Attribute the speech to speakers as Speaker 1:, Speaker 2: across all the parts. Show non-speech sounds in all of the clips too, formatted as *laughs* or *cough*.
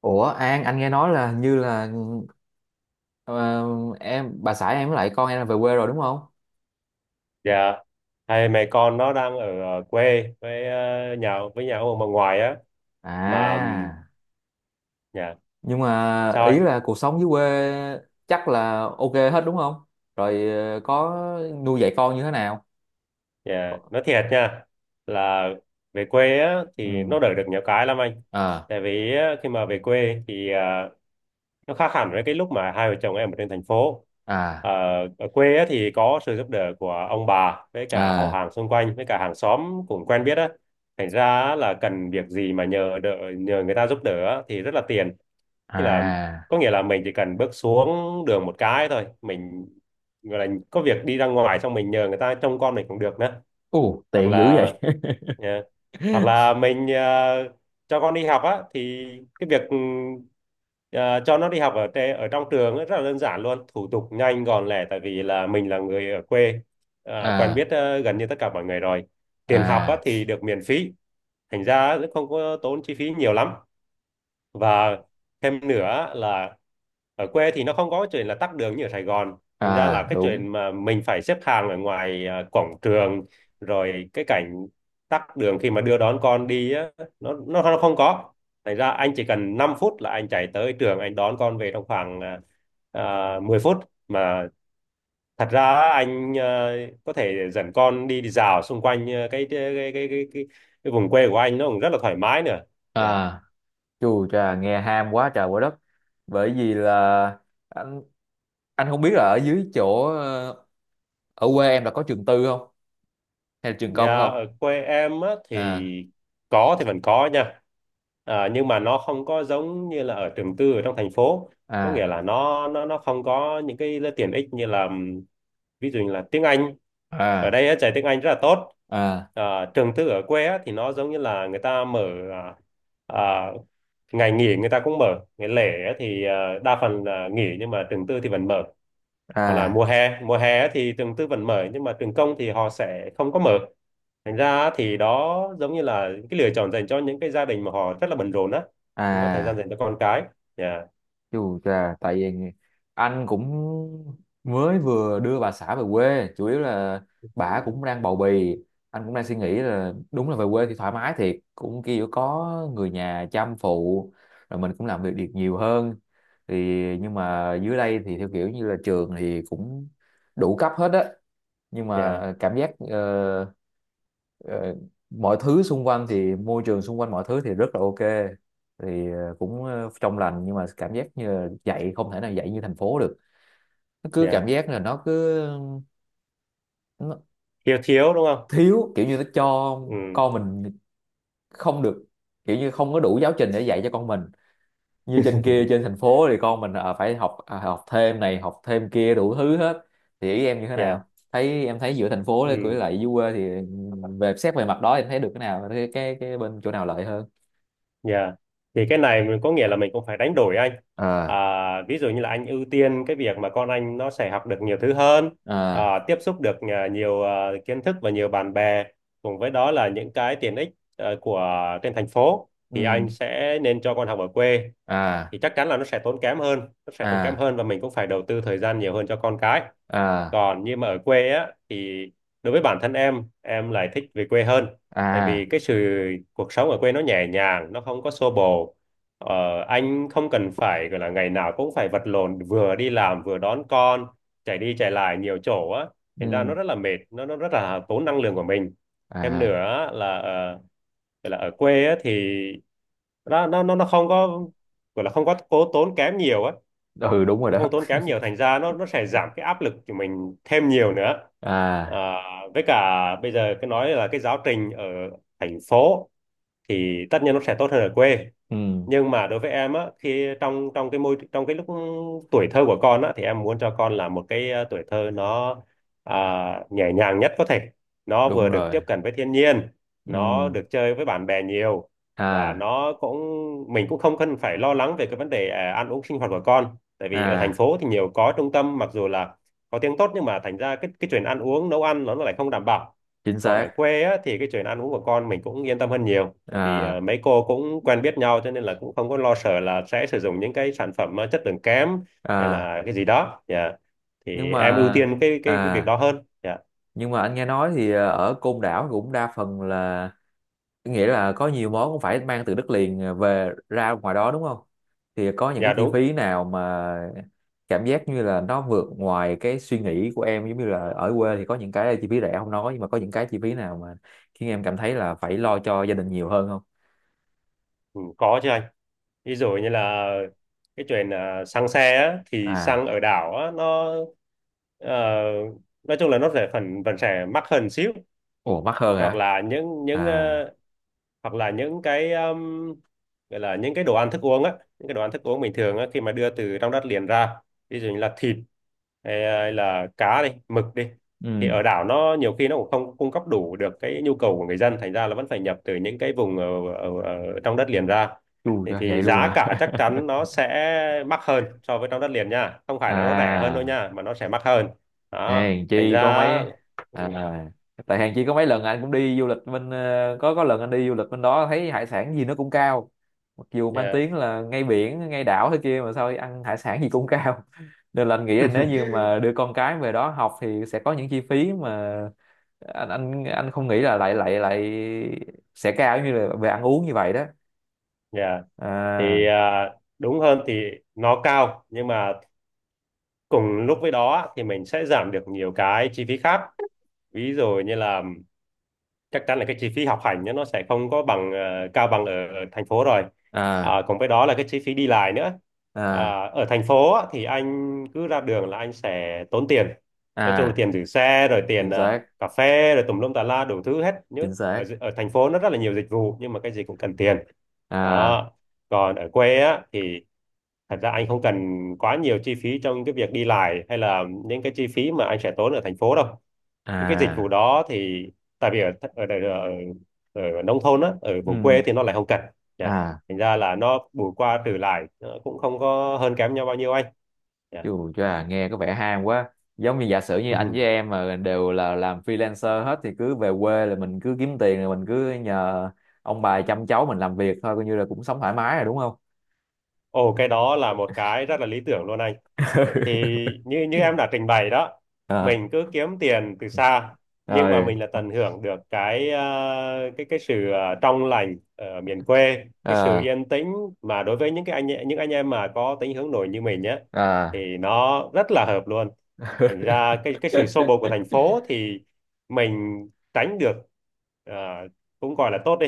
Speaker 1: Ủa An, anh nghe nói là như là ờ, bà xã em với lại con em là về quê rồi đúng không?
Speaker 2: Dạ, hai mẹ con nó đang ở quê với nhà với nhà ông bà ngoại á. Mà
Speaker 1: À,
Speaker 2: dạ
Speaker 1: nhưng mà
Speaker 2: sao
Speaker 1: ý
Speaker 2: anh.
Speaker 1: là cuộc sống dưới quê chắc là ok hết đúng không? Rồi có nuôi dạy con như thế nào? Có.
Speaker 2: Dạ, nói thiệt nha là về quê á, thì
Speaker 1: Ừ.
Speaker 2: nó đỡ được nhiều cái lắm anh.
Speaker 1: À,
Speaker 2: Tại vì á, khi mà về quê thì nó khác hẳn với cái lúc mà hai vợ chồng em ở trên thành phố.
Speaker 1: à,
Speaker 2: Ờ, Ở quê á, thì có sự giúp đỡ của ông bà với cả họ
Speaker 1: à,
Speaker 2: hàng xung quanh với cả hàng xóm cũng quen biết á. Thành ra á, là cần việc gì mà nhờ đỡ, nhờ người ta giúp đỡ á, thì rất là tiền. Như là
Speaker 1: à.
Speaker 2: có nghĩa là mình chỉ cần bước xuống đường một cái thôi, mình gọi là có việc đi ra ngoài xong mình nhờ người ta trông con mình cũng được nữa,
Speaker 1: Ồ,
Speaker 2: hoặc
Speaker 1: tiện dữ
Speaker 2: là
Speaker 1: vậy.
Speaker 2: ờ, hoặc là
Speaker 1: *laughs*
Speaker 2: mình cho con đi học á, thì cái việc ờ, cho nó đi học ở ở trong trường ấy rất là đơn giản, luôn thủ tục nhanh gọn lẹ, tại vì là mình là người ở quê, quen
Speaker 1: À,
Speaker 2: biết gần như tất cả mọi người rồi. Tiền học á
Speaker 1: à,
Speaker 2: thì được miễn phí, thành ra cũng không có tốn chi phí nhiều lắm. Và thêm nữa là ở quê thì nó không có chuyện là tắc đường như ở Sài Gòn, thành ra là
Speaker 1: à,
Speaker 2: cái
Speaker 1: đúng.
Speaker 2: chuyện mà mình phải xếp hàng ở ngoài cổng trường, rồi cái cảnh tắc đường khi mà đưa đón con đi á, nó không có. Thành ra anh chỉ cần 5 phút là anh chạy tới trường anh đón con về trong khoảng 10 phút. Mà thật ra á, anh có thể dẫn con đi, đi dạo xung quanh cái vùng quê của anh, nó cũng rất là thoải mái nữa. Dạ.
Speaker 1: À. Chù chà, nghe ham quá trời quá đất. Bởi vì là anh anh không biết là ở dưới chỗ ờ, ở quê em là có trường tư không hay là trường
Speaker 2: Dạ,
Speaker 1: công không?
Speaker 2: ở quê em á,
Speaker 1: À,
Speaker 2: thì có thì vẫn có nha. À, nhưng mà nó không có giống như là ở trường tư ở trong thành phố. Có nghĩa
Speaker 1: à,
Speaker 2: là nó không có những cái tiện ích như là ví dụ như là tiếng Anh. Ở
Speaker 1: à,
Speaker 2: đây á, dạy tiếng Anh rất là tốt.
Speaker 1: à,
Speaker 2: À, trường tư ở quê á, thì nó giống như là người ta mở, à, à, ngày nghỉ người ta cũng mở. Ngày lễ á, thì à, đa phần là nghỉ nhưng mà trường tư thì vẫn mở. Hoặc là
Speaker 1: à,
Speaker 2: mùa hè á, thì trường tư vẫn mở nhưng mà trường công thì họ sẽ không có mở, thành ra á, thì đó giống như là cái lựa chọn dành cho những cái gia đình mà họ rất là bận rộn á, không có thời gian
Speaker 1: à.
Speaker 2: dành cho con cái. Nhà
Speaker 1: Chù chà, tại vì anh cũng mới vừa đưa bà xã về quê, chủ yếu là bà cũng đang bầu bì, anh cũng đang suy nghĩ là đúng là về quê thì thoải mái thiệt, cũng kiểu có người nhà chăm phụ, rồi mình cũng làm việc được nhiều hơn. Thì nhưng mà dưới đây thì theo kiểu như là trường thì cũng đủ cấp hết á, nhưng mà
Speaker 2: nhà
Speaker 1: cảm giác ờ, mọi thứ xung quanh thì môi trường xung quanh mọi thứ thì rất là ok, thì cũng trong lành, nhưng mà cảm giác như là dạy không thể nào dạy như thành phố được, nó cứ cảm
Speaker 2: nhà
Speaker 1: giác là nó
Speaker 2: thiếu thiếu đúng không.
Speaker 1: thiếu, kiểu như nó cho
Speaker 2: Ừ.
Speaker 1: con mình không được, kiểu như không có đủ giáo trình để dạy cho con mình như trên kia trên thành phố thì con mình phải học, học thêm này học thêm kia đủ thứ hết. Thì ý em như thế nào,
Speaker 2: Nhà.
Speaker 1: thấy em thấy giữa thành phố với
Speaker 2: Ừ.
Speaker 1: lại dưới quê thì về xét về mặt đó em thấy được cái nào, cái bên chỗ nào lợi hơn?
Speaker 2: Nhà thì cái này mình có nghĩa là mình cũng phải đánh đổi anh. À,
Speaker 1: À,
Speaker 2: ví dụ như là anh ưu tiên cái việc mà con anh nó sẽ học được nhiều thứ hơn,
Speaker 1: à,
Speaker 2: à, tiếp xúc được nhiều kiến thức và nhiều bạn bè, cùng với đó là những cái tiện ích của trên thành phố, thì
Speaker 1: ừ,
Speaker 2: anh sẽ nên cho con học ở quê
Speaker 1: à,
Speaker 2: thì chắc chắn là nó sẽ tốn kém hơn. Nó sẽ tốn kém
Speaker 1: à,
Speaker 2: hơn và mình cũng phải đầu tư thời gian nhiều hơn cho con cái.
Speaker 1: à,
Speaker 2: Còn như mà ở quê á thì đối với bản thân em lại thích về quê hơn. Tại
Speaker 1: à,
Speaker 2: vì cái sự cuộc sống ở quê nó nhẹ nhàng, nó không có xô bồ. ờ, anh không cần phải gọi là ngày nào cũng phải vật lộn vừa đi làm vừa đón con, chạy đi chạy lại nhiều chỗ á, thành ra
Speaker 1: ừ,
Speaker 2: nó rất là mệt, nó rất là tốn năng lượng của mình. Thêm
Speaker 1: à,
Speaker 2: nữa là gọi là ở quê á thì nó không có, gọi là không có cố tốn kém nhiều á,
Speaker 1: ừ, đúng rồi đó.
Speaker 2: không tốn kém nhiều, thành ra nó sẽ giảm cái áp lực của mình thêm nhiều nữa.
Speaker 1: À,
Speaker 2: À, với cả bây giờ cái nói là cái giáo trình ở thành phố thì tất nhiên nó sẽ tốt hơn ở quê,
Speaker 1: ừ,
Speaker 2: nhưng mà đối với em á, khi trong trong cái môi, trong cái lúc tuổi thơ của con á, thì em muốn cho con là một cái tuổi thơ nó à, nhẹ nhàng nhất có thể. Nó
Speaker 1: đúng
Speaker 2: vừa được
Speaker 1: rồi.
Speaker 2: tiếp cận với thiên nhiên,
Speaker 1: Ừ,
Speaker 2: nó được chơi với bạn bè nhiều, và
Speaker 1: à,
Speaker 2: nó cũng, mình cũng không cần phải lo lắng về cái vấn đề ăn uống sinh hoạt của con. Tại vì ở thành
Speaker 1: à,
Speaker 2: phố thì nhiều có trung tâm, mặc dù là có tiếng tốt, nhưng mà thành ra cái chuyện ăn uống, nấu ăn nó lại không đảm bảo.
Speaker 1: chính
Speaker 2: Còn ở
Speaker 1: xác.
Speaker 2: quê á, thì cái chuyện ăn uống của con mình cũng yên tâm hơn nhiều, tại vì
Speaker 1: À,
Speaker 2: mấy cô cũng quen biết nhau, cho nên là cũng không có lo sợ là sẽ sử dụng những cái sản phẩm chất lượng kém hay
Speaker 1: à.
Speaker 2: là cái gì đó. Dạ,
Speaker 1: nhưng
Speaker 2: thì em ưu
Speaker 1: mà
Speaker 2: tiên cái việc
Speaker 1: à
Speaker 2: đó hơn. Dạ,
Speaker 1: nhưng mà anh nghe nói thì ở Côn Đảo cũng đa phần là, nghĩa là có nhiều món cũng phải mang từ đất liền, về ra ngoài đó đúng không? Thì có những
Speaker 2: dạ,
Speaker 1: cái chi
Speaker 2: đúng.
Speaker 1: phí nào mà cảm giác như là nó vượt ngoài cái suy nghĩ của em, giống như là ở quê thì có những cái chi phí rẻ không nói, nhưng mà có những cái chi phí nào mà khiến em cảm thấy là phải lo cho gia đình nhiều hơn không?
Speaker 2: Ừ, có chứ anh. Ví dụ như là cái chuyện xăng xe á, thì
Speaker 1: À.
Speaker 2: xăng ở đảo á, nó ờ, nói chung là nó sẽ phần phần sẽ mắc hơn xíu.
Speaker 1: Ủa, mắc hơn
Speaker 2: Hoặc
Speaker 1: hả?
Speaker 2: là
Speaker 1: À.
Speaker 2: hoặc là những cái gọi là những cái đồ ăn thức uống á, những cái đồ ăn thức uống bình thường á, khi mà đưa từ trong đất liền ra, ví dụ như là thịt hay, hay là cá đi, mực đi, thì
Speaker 1: Ừ.
Speaker 2: ở đảo nó nhiều khi nó cũng không cung cấp đủ được cái nhu cầu của người dân, thành ra là vẫn phải nhập từ những cái vùng ở trong đất liền ra,
Speaker 1: Chù cho
Speaker 2: thì
Speaker 1: vậy luôn
Speaker 2: giá
Speaker 1: hả?
Speaker 2: cả
Speaker 1: *laughs*
Speaker 2: chắc chắn nó sẽ mắc hơn so với trong đất liền nha, không phải là nó rẻ hơn đâu
Speaker 1: À.
Speaker 2: nha, mà nó sẽ mắc hơn đó,
Speaker 1: Hèn
Speaker 2: thành
Speaker 1: chi có
Speaker 2: ra
Speaker 1: mấy
Speaker 2: ừ,
Speaker 1: à, Tại hèn chi có mấy lần anh cũng đi du lịch bên có lần anh đi du lịch bên đó thấy hải sản gì nó cũng cao, mặc dù mang
Speaker 2: yeah.
Speaker 1: tiếng là ngay biển ngay đảo thế kia mà sao ăn hải sản gì cũng cao. *laughs* Nên là anh nghĩ là nếu như
Speaker 2: *laughs*
Speaker 1: mà đưa con cái về đó học thì sẽ có những chi phí mà anh không nghĩ là lại lại lại sẽ cao như là về ăn uống như vậy đó.
Speaker 2: Yeah. Thì
Speaker 1: À,
Speaker 2: đúng hơn thì nó cao, nhưng mà cùng lúc với đó thì mình sẽ giảm được nhiều cái chi phí khác. Ví dụ như là chắc chắn là cái chi phí học hành nhá, nó sẽ không có bằng cao bằng ở thành phố rồi. À,
Speaker 1: à,
Speaker 2: cùng với đó là cái chi phí đi lại nữa.
Speaker 1: à,
Speaker 2: À, ở thành phố á, thì anh cứ ra đường là anh sẽ tốn tiền, nói chung là
Speaker 1: à,
Speaker 2: tiền giữ xe, rồi tiền
Speaker 1: chính xác.
Speaker 2: cà phê, rồi tùm lum tà la đủ thứ hết, nhớ
Speaker 1: Chính xác.
Speaker 2: ở thành phố nó rất là nhiều dịch vụ, nhưng mà cái gì cũng cần tiền
Speaker 1: À,
Speaker 2: đó. Còn ở quê á thì thật ra anh không cần quá nhiều chi phí trong cái việc đi lại hay là những cái chi phí mà anh sẽ tốn ở thành phố đâu, những cái dịch vụ
Speaker 1: à,
Speaker 2: đó thì tại vì ở nông thôn á, ở vùng quê
Speaker 1: ừ,
Speaker 2: thì nó lại không cần. Dạ,
Speaker 1: à.
Speaker 2: thành ra là nó bù qua trừ lại nó cũng không có hơn kém nhau bao nhiêu anh. Dạ.
Speaker 1: Chù chà, nghe có vẻ ham quá. Giống như giả sử như anh với
Speaker 2: *laughs*
Speaker 1: em mà đều là làm freelancer hết thì cứ về quê là mình cứ kiếm tiền, rồi mình cứ nhờ ông bà chăm cháu, mình làm việc thôi, coi như là cũng sống thoải mái rồi đúng không?
Speaker 2: Ồ, cái đó là một cái rất là lý tưởng luôn anh. Thì như như em đã trình bày đó,
Speaker 1: *laughs* À,
Speaker 2: mình cứ kiếm tiền từ xa, nhưng mà
Speaker 1: rồi.
Speaker 2: mình là tận hưởng được cái cái cái sự trong lành ở miền quê, cái sự
Speaker 1: À,
Speaker 2: yên tĩnh, mà đối với những cái anh, những anh em mà có tính hướng nội như mình nhé,
Speaker 1: à.
Speaker 2: thì nó rất là hợp luôn. Thành ra cái sự xô bồ của thành
Speaker 1: *laughs*
Speaker 2: phố thì mình tránh được, ờ, cũng gọi là tốt đi.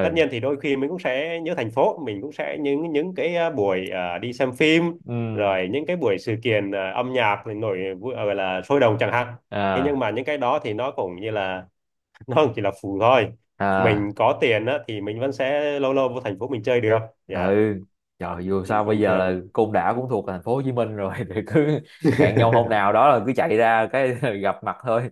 Speaker 2: Tất nhiên thì đôi khi mình cũng sẽ nhớ thành phố, mình cũng sẽ những cái buổi đi xem phim,
Speaker 1: ừ,
Speaker 2: rồi những cái buổi sự kiện âm nhạc thì gọi là sôi động chẳng hạn. Thế nhưng
Speaker 1: à,
Speaker 2: mà những cái đó thì nó cũng như là *laughs* nó cũng chỉ là phụ thôi. Mình
Speaker 1: à.
Speaker 2: có tiền á, thì mình vẫn sẽ lâu lâu vô thành phố mình chơi được.
Speaker 1: *laughs*
Speaker 2: Dạ.
Speaker 1: Ừ. Trời,
Speaker 2: Còn
Speaker 1: dù sao bây
Speaker 2: bình
Speaker 1: giờ
Speaker 2: thường.
Speaker 1: là Côn Đảo cũng thuộc thành phố Hồ Chí Minh rồi. *laughs* Thì cứ hẹn nhau hôm nào
Speaker 2: *laughs*
Speaker 1: đó là cứ chạy ra cái *laughs* gặp mặt thôi.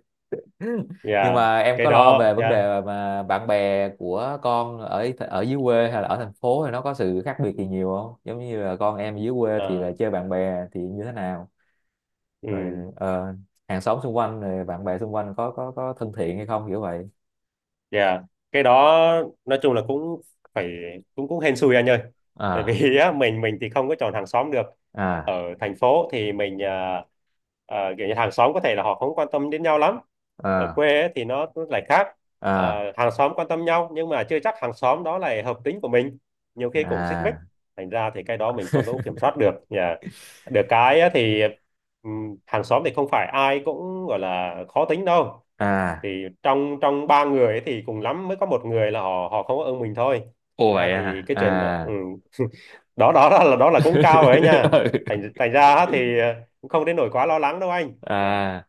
Speaker 1: Nhưng
Speaker 2: Dạ
Speaker 1: mà em
Speaker 2: cái
Speaker 1: có lo
Speaker 2: đó
Speaker 1: về vấn
Speaker 2: dạ.
Speaker 1: đề mà bạn bè của con ở ở dưới quê hay là ở thành phố thì nó có sự khác biệt gì nhiều không? Giống như là con em dưới quê thì là
Speaker 2: Ờ,
Speaker 1: chơi bạn bè thì như thế nào?
Speaker 2: ừ.
Speaker 1: Rồi hàng xóm xung quanh, rồi bạn bè xung quanh có thân thiện hay không, kiểu vậy?
Speaker 2: Dạ, cái đó nói chung là cũng phải, cũng cũng hên xui anh ơi. Tại
Speaker 1: À,
Speaker 2: vì *laughs* á, mình thì không có chọn hàng xóm được.
Speaker 1: à,
Speaker 2: Ở thành phố thì mình kiểu như hàng xóm có thể là họ không quan tâm đến nhau lắm. Ở
Speaker 1: à,
Speaker 2: quê ấy, thì nó lại khác.
Speaker 1: à,
Speaker 2: À, hàng xóm quan tâm nhau nhưng mà chưa chắc hàng xóm đó là hợp tính của mình. Nhiều khi cũng xích mích.
Speaker 1: à,
Speaker 2: Thành ra thì cái đó mình không có kiểm soát được. Dạ. Được cái á, thì hàng xóm thì không phải ai cũng gọi là khó tính đâu,
Speaker 1: à.
Speaker 2: thì trong trong ba người ấy thì cùng lắm mới có một người là họ họ không có ưng mình thôi,
Speaker 1: Ồ,
Speaker 2: thành ra
Speaker 1: vậy
Speaker 2: thì
Speaker 1: à?
Speaker 2: cái chuyện đó, ừ.
Speaker 1: À.
Speaker 2: *laughs* Đó, đó, đó là, đó là cũng cao rồi ấy nha.
Speaker 1: *laughs*
Speaker 2: Thành thành ra á thì
Speaker 1: Ừ.
Speaker 2: cũng không đến nỗi quá lo lắng đâu anh. Dạ.
Speaker 1: À.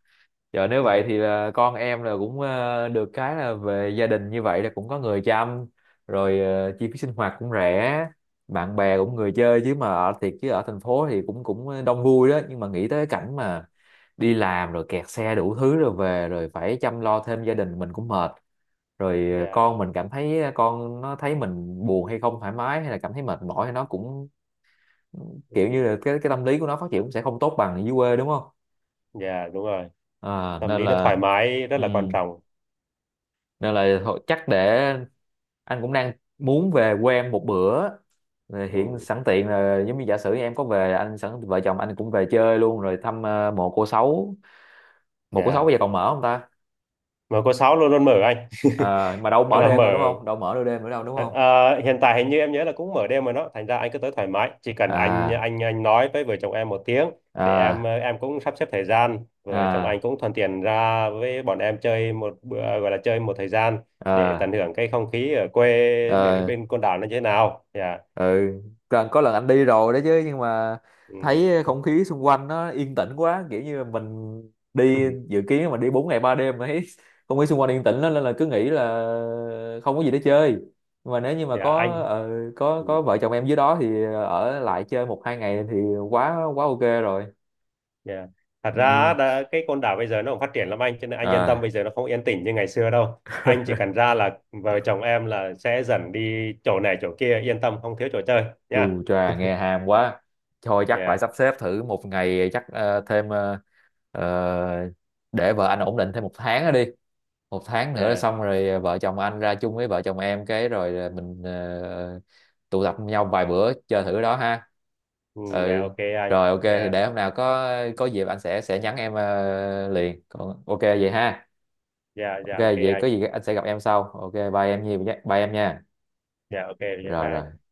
Speaker 1: Giờ nếu vậy
Speaker 2: *laughs*
Speaker 1: thì là con em là cũng được cái là về gia đình như vậy là cũng có người chăm, rồi chi phí sinh hoạt cũng rẻ, bạn bè cũng người chơi chứ. Mà ở thiệt chứ, ở thành phố thì cũng cũng đông vui đó, nhưng mà nghĩ tới cảnh mà đi làm rồi kẹt xe đủ thứ rồi về rồi phải chăm lo thêm gia đình mình cũng mệt, rồi
Speaker 2: Dạ.
Speaker 1: con mình cảm thấy, con nó thấy mình buồn hay không thoải mái hay là cảm thấy mệt mỏi thì nó cũng
Speaker 2: Ừ.
Speaker 1: kiểu như là cái tâm lý của nó phát triển cũng sẽ không tốt bằng ở dưới quê đúng không?
Speaker 2: Dạ, đúng rồi.
Speaker 1: À,
Speaker 2: Tâm
Speaker 1: nên
Speaker 2: lý nó thoải
Speaker 1: là,
Speaker 2: mái rất
Speaker 1: ừ,
Speaker 2: là quan trọng.
Speaker 1: nên là thôi, chắc để anh cũng đang muốn về quê em một bữa. Rồi hiện
Speaker 2: Ừ.
Speaker 1: sẵn tiện là, giống như giả sử em có về, anh sẵn vợ chồng anh cũng về chơi luôn rồi thăm mộ cô Sáu. Mộ cô Sáu
Speaker 2: Dạ,
Speaker 1: bây giờ còn mở không ta?
Speaker 2: mở. Có sáu luôn luôn mở anh. *laughs*
Speaker 1: À, mà đâu
Speaker 2: Gọi
Speaker 1: mở
Speaker 2: là
Speaker 1: đêm
Speaker 2: mở.
Speaker 1: đâu đúng không? Đâu mở đâu đêm nữa đâu đúng
Speaker 2: Ờ,
Speaker 1: không?
Speaker 2: ờ, hiện tại hình như em nhớ là cũng mở đêm mà nó, thành ra anh cứ tới thoải mái, chỉ cần anh
Speaker 1: À,
Speaker 2: anh anh nói với vợ chồng em một tiếng để em
Speaker 1: à,
Speaker 2: em cũng sắp xếp thời gian vợ chồng anh
Speaker 1: à,
Speaker 2: cũng thuận tiện ra với bọn em chơi một bữa, gọi là chơi một thời gian, để tận
Speaker 1: à,
Speaker 2: hưởng cái không khí ở quê bên,
Speaker 1: à.
Speaker 2: bên Côn Đảo nó như thế nào. Dạ.
Speaker 1: Ừ. Có lần anh đi rồi đấy chứ, nhưng mà
Speaker 2: Ừ.
Speaker 1: thấy không khí xung quanh nó yên tĩnh quá, kiểu như mình đi
Speaker 2: *laughs*
Speaker 1: dự kiến mà đi 4 ngày 3 đêm mà thấy *laughs* không khí xung quanh yên tĩnh lắm, nên là cứ nghĩ là không có gì để chơi. Nhưng mà nếu như mà
Speaker 2: Dạ anh.
Speaker 1: có
Speaker 2: Ừ.
Speaker 1: có vợ chồng em dưới đó thì ở lại chơi một hai ngày thì quá quá ok rồi.
Speaker 2: Yeah. Thật ra
Speaker 1: Ừ.
Speaker 2: đã, cái con đảo bây giờ nó cũng phát triển lắm anh, cho nên anh yên tâm,
Speaker 1: À.
Speaker 2: bây giờ nó không yên tĩnh như ngày xưa đâu, anh chỉ cần
Speaker 1: *laughs*
Speaker 2: ra là vợ chồng em là sẽ dần đi chỗ này chỗ kia, yên tâm không thiếu chỗ chơi nha. Yeah.
Speaker 1: Chù chà, nghe ham quá. Thôi chắc phải
Speaker 2: Yeah.
Speaker 1: sắp xếp thử một ngày, chắc ờ, để vợ anh ổn định thêm một tháng nữa đi, một tháng nữa là
Speaker 2: Yeah.
Speaker 1: xong rồi. Ờ, vợ chồng anh ra chung với vợ chồng em cái rồi là mình tụ tập nhau vài bữa chơi thử đó ha.
Speaker 2: Ừ, yeah,
Speaker 1: Ừ.
Speaker 2: ok anh.
Speaker 1: Rồi ok thì
Speaker 2: Yeah.
Speaker 1: để hôm nào có dịp anh sẽ nhắn em liền, còn ok vậy ha?
Speaker 2: Yeah,
Speaker 1: Ok
Speaker 2: yeah, ok
Speaker 1: vậy có
Speaker 2: anh.
Speaker 1: gì anh sẽ gặp em sau. Ok, bye em Nhi, bye em nha.
Speaker 2: Yeah, ok. Yeah,
Speaker 1: Rồi,
Speaker 2: bye
Speaker 1: rồi.
Speaker 2: anh.